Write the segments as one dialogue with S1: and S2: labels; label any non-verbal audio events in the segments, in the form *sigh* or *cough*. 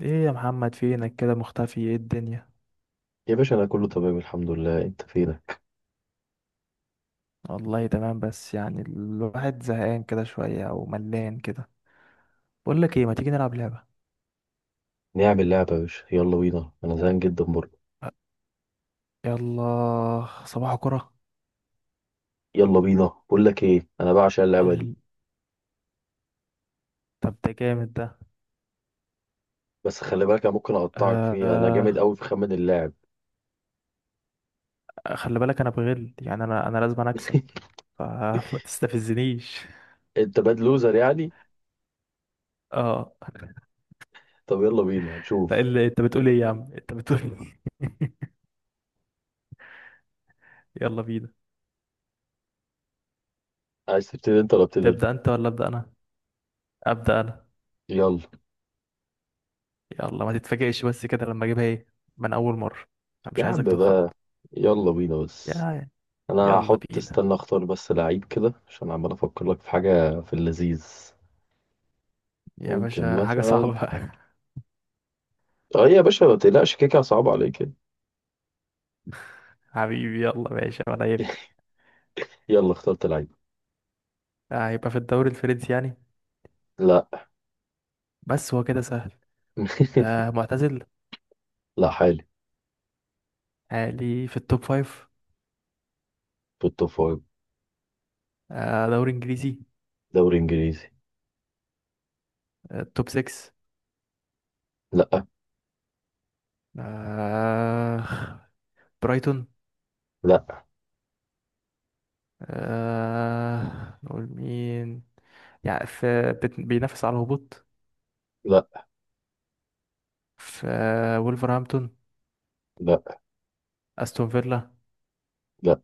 S1: ايه يا محمد فينك كده مختفي؟ ايه الدنيا؟
S2: يا باشا انا كله تمام الحمد لله. انت فينك؟
S1: والله تمام، بس يعني الواحد زهقان كده شوية او ملان كده. بقول لك ايه، ما تيجي نلعب لعبة؟
S2: نعمل لعبه يا باشا، يلا بينا انا زهقان جدا برضه.
S1: يلا صباح كرة.
S2: يلا بينا، بقول لك ايه، انا بعشق اللعبه دي.
S1: ال... طب ده جامد ده.
S2: بس خلي بالك انا ممكن اقطعك فيها، انا جامد
S1: آه...
S2: قوي في خمن اللاعب.
S1: خلي بالك انا بغل يعني، انا لازم أنا اكسب،
S2: *laughs*
S1: فما *laughs* تستفزنيش.
S2: انت باد لوزر يعني؟
S1: اه،
S2: طب يلا بينا
S1: لا
S2: هنشوف.
S1: اللي انت بتقول ايه يا عم؟ انت بتقول إيه؟ *laughs* يلا بينا.
S2: عايز تبتدي انت ولا ابتدي أنا؟
S1: تبدأ انت ولا ابدأ انا؟ ابدأ انا.
S2: يلا.
S1: يلا، ما تتفاجئش بس كده لما اجيبها ايه من اول مرة. أنا
S2: يا
S1: مش
S2: عم
S1: عايزك تتخض.
S2: بقى، يلا بينا بس.
S1: يا،
S2: انا
S1: يلا
S2: هحط،
S1: بينا.
S2: استنى اختار بس لعيب كده عشان عمال افكر لك في حاجه في اللذيذ.
S1: يا
S2: ممكن
S1: باشا حاجة
S2: مثلا،
S1: صعبة. *laughs*
S2: اه يا باشا ما تقلقش كيكه صعبه عليك.
S1: حبيبي يلا ماشي، ولا يفرق.
S2: *laughs* يلا اخترت لعيب.
S1: آه، هيبقى في الدوري الفرنسي يعني؟
S2: لا.
S1: بس هو كده سهل. آه
S2: *laughs*
S1: معتزل؟
S2: لا، حالي.
S1: عالي في التوب فايف.
S2: بالتوب فايف.
S1: آه دوري إنجليزي.
S2: دوري انجليزي.
S1: آه توب سكس؟
S2: لا.
S1: آه برايتون.
S2: لا.
S1: آه نقول مين؟ يعني في، بينافس على الهبوط.
S2: لا.
S1: في آه وولفرهامبتون،
S2: لا.
S1: أستون فيلا،
S2: لا.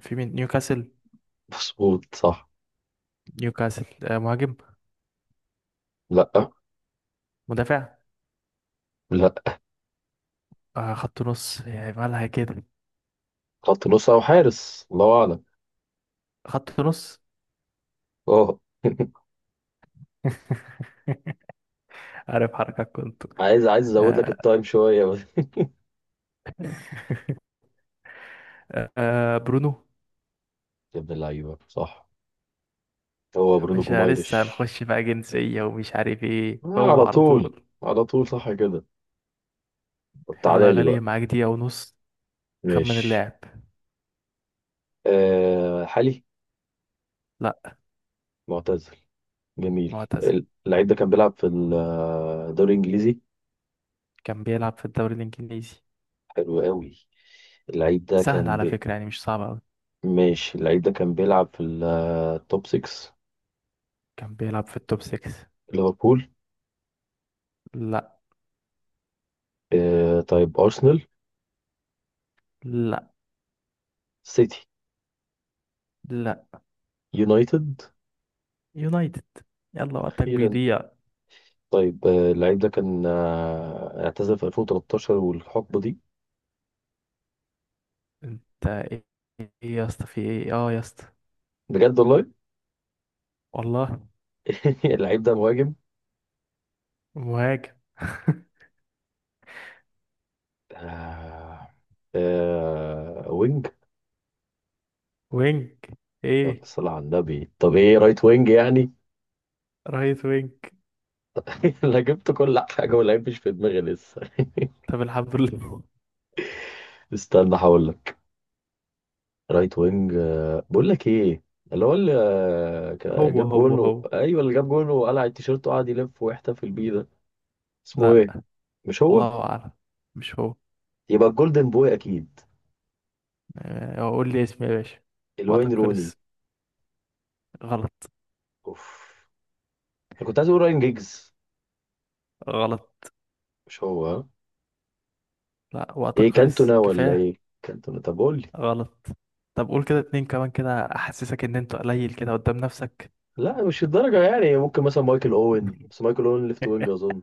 S1: في مين؟ نيوكاسل.
S2: مظبوط صح.
S1: نيوكاسل آه، مهاجم؟
S2: لا.
S1: مدافع؟
S2: لا.
S1: آه خط نص يعني، مالها كده.
S2: خط نص او حارس، الله اعلم.
S1: خط نص.
S2: اه. *laughs*
S1: *laughs* عارف حركات كنت.
S2: عايز، عايز ازود لك
S1: آه
S2: التايم شويه بس.
S1: آه، برونو.
S2: يا ابن اللعيبه صح، هو
S1: يا
S2: برونو
S1: باشا
S2: جومايرش.
S1: لسه هنخش بقى جنسية ومش عارف ايه
S2: آه
S1: هو
S2: على
S1: على
S2: طول.
S1: طول.
S2: على طول صح كده. طب
S1: يلا
S2: تعالى
S1: يا
S2: لي
S1: غالي،
S2: بقى.
S1: معاك دقيقة ونص. خمن
S2: ماشي.
S1: اللاعب.
S2: آه حالي.
S1: لا.
S2: معتزل. جميل.
S1: معتزل.
S2: اللعيب ده كان بيلعب في الدوري الانجليزي.
S1: كان بيلعب في الدوري الإنجليزي.
S2: حلو قوي. اللعيب ده
S1: سهل
S2: كان
S1: على
S2: بي...
S1: فكرة يعني، مش صعب أوي.
S2: ماشي، اللعيب ده كان بيلعب في التوب 6.
S1: كان بيلعب في التوب 6.
S2: ليفربول.
S1: لا.
S2: آه طيب أرسنال.
S1: لا.
S2: سيتي.
S1: لا.
S2: يونايتد.
S1: يونايتد. يلا وقتك
S2: أخيرا.
S1: بيضيع.
S2: طيب آه، اللعيب ده كان اعتزل في 2013 والحقبة دي.
S1: انت ايه؟ ايه يا اسطى، في ايه؟ اه يا اسطى.
S2: بجد والله.
S1: والله.
S2: *laughs* اللعيب ده مهاجم.
S1: مهاجم.
S2: آه. آه وينج.
S1: وينج.
S2: يلا
S1: ايه؟
S2: صلى على النبي، طب ايه رايت وينج يعني؟
S1: رايت وينج.
S2: *laughs* انا جبت كل حاجة واللعيب مش في دماغي لسه.
S1: طب الحمد لله.
S2: *laughs* استنى هقول لك. رايت وينج، بقول لك ايه، اللي هو اللي
S1: هو
S2: جاب
S1: هو
S2: جون،
S1: هو
S2: ايوه اللي جاب جون وقلع التيشيرت وقعد يلف ويحتفل بيه ده، اسمه ايه؟
S1: لا.
S2: مش هو؟
S1: الله أعلم. مش هو.
S2: يبقى الجولدن بوي اكيد.
S1: آه، قول لي اسمي يا باشا.
S2: الوين
S1: وقتك
S2: روني.
S1: خلص. غلط.
S2: اوف انا كنت عايز اقول راين جيجز.
S1: غلط.
S2: مش هو ها؟
S1: لا وقتك
S2: ايه
S1: خلص،
S2: كانتونا ولا
S1: كفاية.
S2: ايه؟ كانتونا، طب قول لي.
S1: غلط. طب قول كده اتنين كمان كده، أحسسك إن أنت قليل كده قدام نفسك.
S2: لا مش الدرجه يعني، ممكن مثلا مايكل اوين، بس
S1: *laughs*
S2: مايكل اوين ليفت وينج اظن.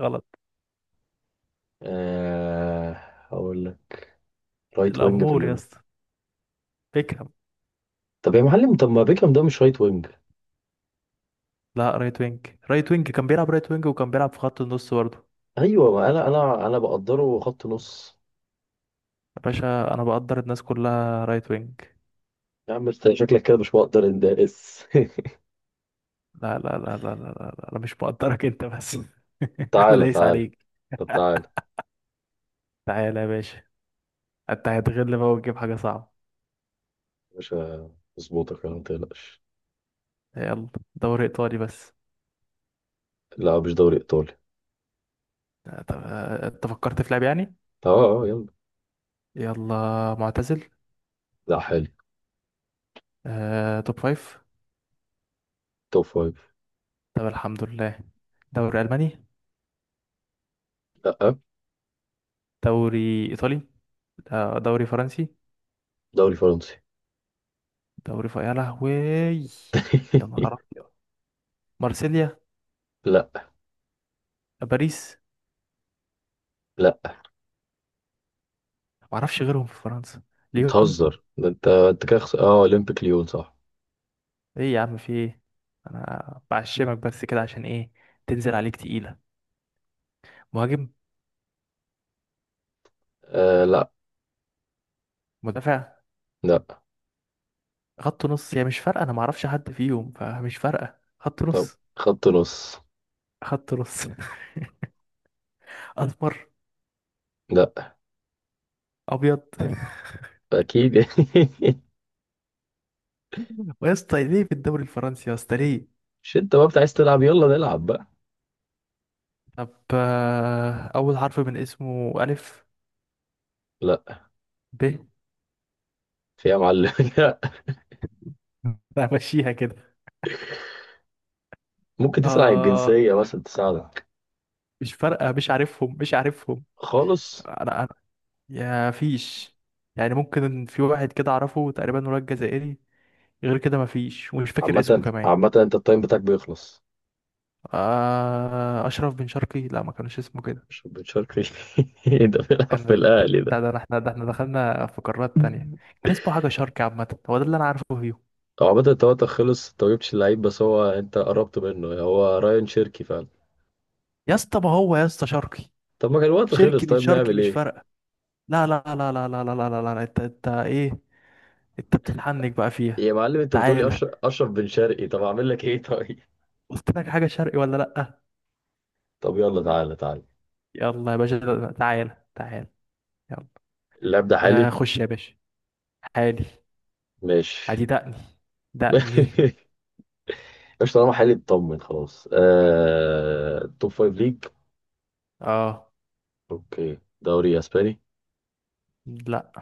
S1: غلط.
S2: آه. هقول لك. رايت وينج في
S1: الأمور يا
S2: اليوم.
S1: اسطى. بيكهام.
S2: طب يا معلم، طب ما بيكهام ده مش رايت وينج؟
S1: لا، رايت وينج. رايت وينج كان بيلعب رايت وينج وكان بيلعب في خط النص برضه.
S2: ايوه، ما انا انا بقدره خط نص.
S1: يا باشا أنا بقدر الناس كلها رايت وينج.
S2: يا عم انت شكلك كده مش مقدر اندرس.
S1: لا لا لا لا لا لا, لا. أنا مش مقدرك أنت بس.
S2: *laughs*
S1: *laughs* أنا
S2: تعالى
S1: دايس
S2: تعالى.
S1: عليك.
S2: طب تعالى
S1: تعالى يا باشا. انت هتغل بقى وتجيب حاجة صعبة.
S2: يا باشا، اظبطك انا ما تقلقش.
S1: يلا. دوري ايطالي بس.
S2: لا مش دوري ايطالي.
S1: طب آه، انت فكرت في لعب يعني؟
S2: اه اه يلا.
S1: يلا. معتزل.
S2: لا، حالي.
S1: آه، توب فايف.
S2: توب فايف.
S1: طب الحمد لله. دوري الماني؟
S2: لا آه،
S1: دوري ايطالي؟ آه، دوري فرنسي.
S2: دوري فرنسي.
S1: يا لهوي. يا نهار
S2: *laughs*
S1: أبيض. مارسيليا.
S2: لا.
S1: باريس.
S2: لا
S1: معرفش غيرهم في فرنسا. ليون.
S2: بتهزر ده، انت انت كده اه اولمبيك ليون صح.
S1: ايه يا عم، في ايه؟ انا بعشمك بس كده عشان ايه؟ تنزل عليك تقيلة. مهاجم.
S2: آه. لا.
S1: مدافع.
S2: لا.
S1: خط نص. هي مش فارقة، أنا معرفش حد فيهم، فمش فارقة. خط
S2: طب
S1: نص.
S2: خط نص.
S1: خط نص. *laughs* أسمر.
S2: لا.
S1: أبيض. *laughs*
S2: اكيد.
S1: ويا اسطى ليه في الدوري الفرنسي يا اسطى ليه؟
S2: *laughs* مش انت بقى عايز تلعب؟ يلا نلعب بقى.
S1: طب آه، أول حرف من اسمه ألف.
S2: لا.
S1: ب.
S2: في يا معلم. *laughs* لا.
S1: *laughs* أنا همشيها كده.
S2: ممكن تسأل عن
S1: آه.
S2: الجنسية مثلا تساعدك.
S1: مش فارقة، مش عارفهم، مش عارفهم.
S2: خالص.
S1: أنا، أنا، يا فيش، يعني ممكن في واحد كده أعرفه تقريبا ولاد جزائري. غير كده مفيش، ومش فاكر اسمه
S2: عامة،
S1: كمان.
S2: عامة انت التايم بتاعك بيخلص.
S1: آه أشرف بن شرقي. لا ما كانش اسمه كده.
S2: مش بن شرقي. *laughs* ده بيلعب في
S1: كان
S2: الاهلي ده.
S1: بتاع، ده احنا، ده احنا دخلنا في قارات تانية. كان اسمه حاجة شرقي عامة، هو ده اللي انا عارفه فيه.
S2: هو عامة انت وقتك خلص، انت مجبتش اللعيب، بس هو انت قربت منه، هو رايان شيركي فعلا.
S1: يا اسطى، ما هو يا اسطى شرقي.
S2: طب ما كان الوقت خلص،
S1: شرقي من
S2: طيب
S1: شرقي،
S2: نعمل
S1: مش
S2: ايه؟
S1: فارقة. لا لا لا لا لا لا لا لا, لا. انت، انت ايه؟ انت بتتحنك بقى فيها.
S2: يا معلم انت بتقولي
S1: تعالى.
S2: اشرف، اشرف بن شرقي، طب اعمل لك ايه؟ *laughs* طيب؟
S1: قلت لك حاجة شرقي ولا لأ؟
S2: طب يلا تعالى تعالى.
S1: يلا يا باشا، تعالى تعالى. يلا.
S2: اللعب ده
S1: آه
S2: حالي.
S1: خش يا باشا. حالي.
S2: ماشي.
S1: عادي. دقني. دقني.
S2: *laughs* مش طالما حالي اطمن خلاص. توب فايف ليج.
S1: اه.
S2: اوكي دوري اسباني.
S1: لا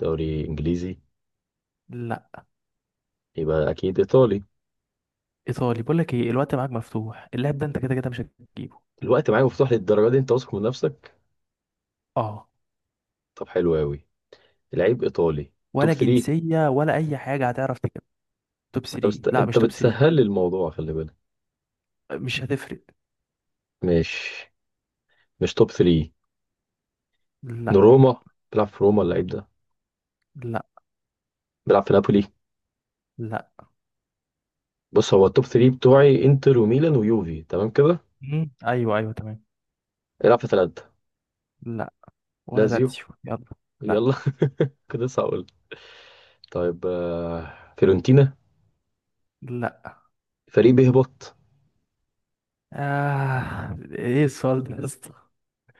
S2: دوري انجليزي.
S1: لا.
S2: يبقى اكيد ايطالي.
S1: ايطالي، بقول لك ايه، الوقت معاك مفتوح، اللعب ده انت كده كده مش هتجيبه.
S2: الوقت معايا مفتوح للدرجه دي؟ انت واثق من نفسك.
S1: اه.
S2: طب حلو قوي. العيب ايطالي. توب
S1: ولا
S2: 3.
S1: جنسية ولا أي حاجة هتعرف تجيب. توب
S2: طب
S1: 3. لا مش
S2: انت
S1: توب 3.
S2: بتسهل لي الموضوع خلي بالك.
S1: مش هتفرق.
S2: مش مش توب 3.
S1: لا.
S2: روما. بيلعب في روما اللعيب ده؟
S1: لا.
S2: بيلعب في نابولي؟
S1: لا.
S2: بص هو التوب 3 بتوعي انتر وميلان ويوفي تمام كده.
S1: مم. أيوه أيوه تمام.
S2: العب في ثلاثه.
S1: لا. ولا
S2: لازيو.
S1: لاتسيو؟ يلا.
S2: يلا.
S1: لا.
S2: *laughs* كده لسه هقول. طيب آه، فيورنتينا.
S1: لا.
S2: فريق بيهبط؟
S1: آه إيه السؤال ده يا اسطى؟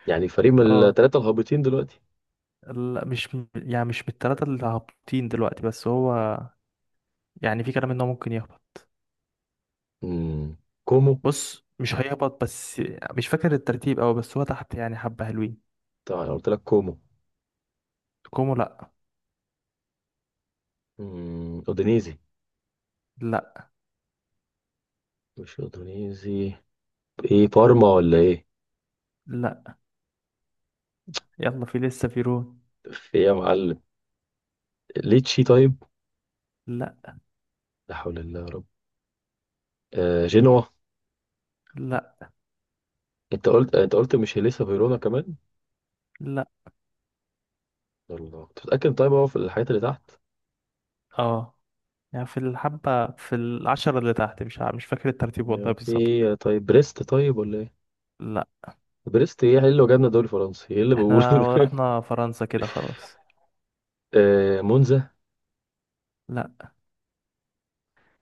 S2: يعني فريق من
S1: أه.
S2: الثلاثه الهابطين دلوقتي؟
S1: لا مش يعني مش من التلاتة اللي هابطين دلوقتي، بس هو يعني في كلام إن هو ممكن يهبط.
S2: مم. كومو.
S1: بص مش هيهبط بس، مش فاكر الترتيب أوي، بس هو تحت يعني حبة حلوين.
S2: طبعا أنا قلت لك كومو.
S1: كومو لا.
S2: اودينيزي.
S1: لا.
S2: مش اندونيسي. ايه بارما ولا ايه؟
S1: لا. يلا في لسه، في رون.
S2: في ايه يا معلم؟ ليتشي طيب.
S1: لا.
S2: لا حول الله يا رب. آه جنوا.
S1: لا.
S2: انت قلت، انت قلت مش لسه فيرونا كمان؟
S1: لا.
S2: الله، انت متأكد؟ طيب هو في الحاجات اللي تحت.
S1: اه. يعني في الحبة، في العشرة اللي تحت، مش مش فاكر الترتيب والله
S2: آه، في
S1: بالظبط.
S2: ايه طيب؟ بريست طيب ولا ايه؟
S1: لا.
S2: بريست؟ ايه ايه اللي جابنا دوري فرنسي؟ ايه اللي بقوله
S1: احنا
S2: ده؟
S1: رحنا فرنسا كده خلاص.
S2: *laughs* آه مونزا.
S1: لا.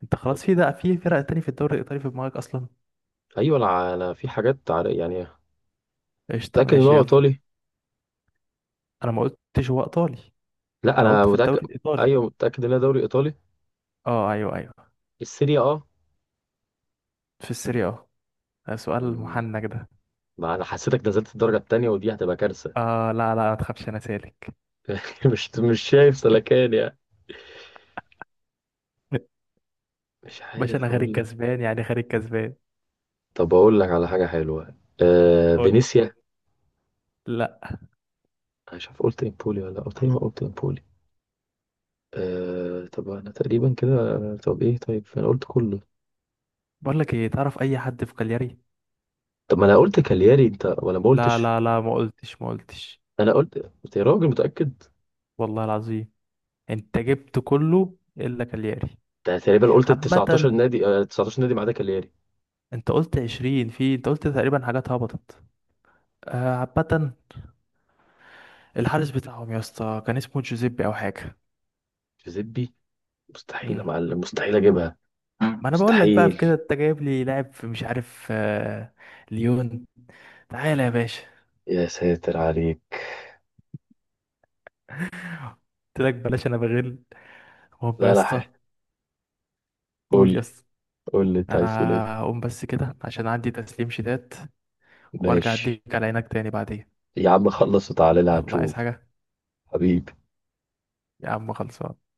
S1: انت
S2: طب
S1: خلاص في، ده في فرق تاني في الدوري الإيطالي في دماغك أصلا؟
S2: ايوه، انا، في حاجات يعني
S1: قشطة
S2: متأكد ان
S1: ماشي،
S2: هو
S1: يلا.
S2: ايطالي.
S1: أنا ما قلتش هو إيطالي.
S2: لا
S1: أنا
S2: انا
S1: قلت في
S2: متأكد.
S1: الدوري الإيطالي.
S2: ايوه متأكد ان هو دوري ايطالي.
S1: اه أيوه أيوه.
S2: السيريا اه.
S1: في السيريا اه. ده سؤال
S2: مم،
S1: محنك ده.
S2: ما انا حسيتك نزلت الدرجة التانية ودي هتبقى كارثة.
S1: اه لا لا ما تخافش، أنا سالك.
S2: *laughs* مش، مش شايف سلكان يعني.
S1: *laughs*
S2: مش
S1: باشا
S2: عارف
S1: أنا خارج
S2: اقول لك.
S1: كسبان يعني، خارج كسبان.
S2: طب اقول لك على حاجه حلوه. آه
S1: قول.
S2: فينيسيا.
S1: لا.
S2: انا مش عارف قلت امبولي ولا قلت ايه، ما قلت امبولي. آه طب انا تقريبا كده، طب ايه طيب، انا قلت كله.
S1: بقول لك ايه، تعرف أي حد في كالياري؟
S2: طب ما انا قلت كالياري، انت ولا ما
S1: لا
S2: قلتش.
S1: لا لا، ما قلتش، ما قلتش.
S2: انا قلت. انت يا راجل متاكد؟
S1: والله العظيم انت جبت كله الا كالياري.
S2: انت تقريبا قلت ال 19
S1: عامة،
S2: نادي، آه 19 نادي ما عدا كالياري.
S1: انت قلت 20، في انت قلت تقريبا حاجات هبطت. آه، عامة، الحارس بتاعهم يا اسطى كان اسمه جوزيبي او حاجة.
S2: جوزيبي. مستحيل يا
S1: مم.
S2: معلم، مستحيل اجيبها. مم.
S1: ما انا بقول لك، بقى في
S2: مستحيل.
S1: كده، انت جايب لي لاعب في مش عارف آه، ليون. تعالى يا باشا.
S2: يا ساتر عليك.
S1: قلت لك بلاش، انا بغل. هم يا
S2: لا لا.
S1: اسطى.
S2: قول
S1: قول يا
S2: لي،
S1: اسطى.
S2: قول لي انت
S1: انا
S2: عايز تقول ايه.
S1: هقوم بس كده عشان عندي تسليم شتات، وارجع
S2: ماشي.
S1: اديك على عينك تاني بعدين.
S2: يا عم خلص وتعالى لي
S1: يلا، عايز
S2: هنشوف.
S1: حاجة؟
S2: حبيبي.
S1: يا عم خلصان.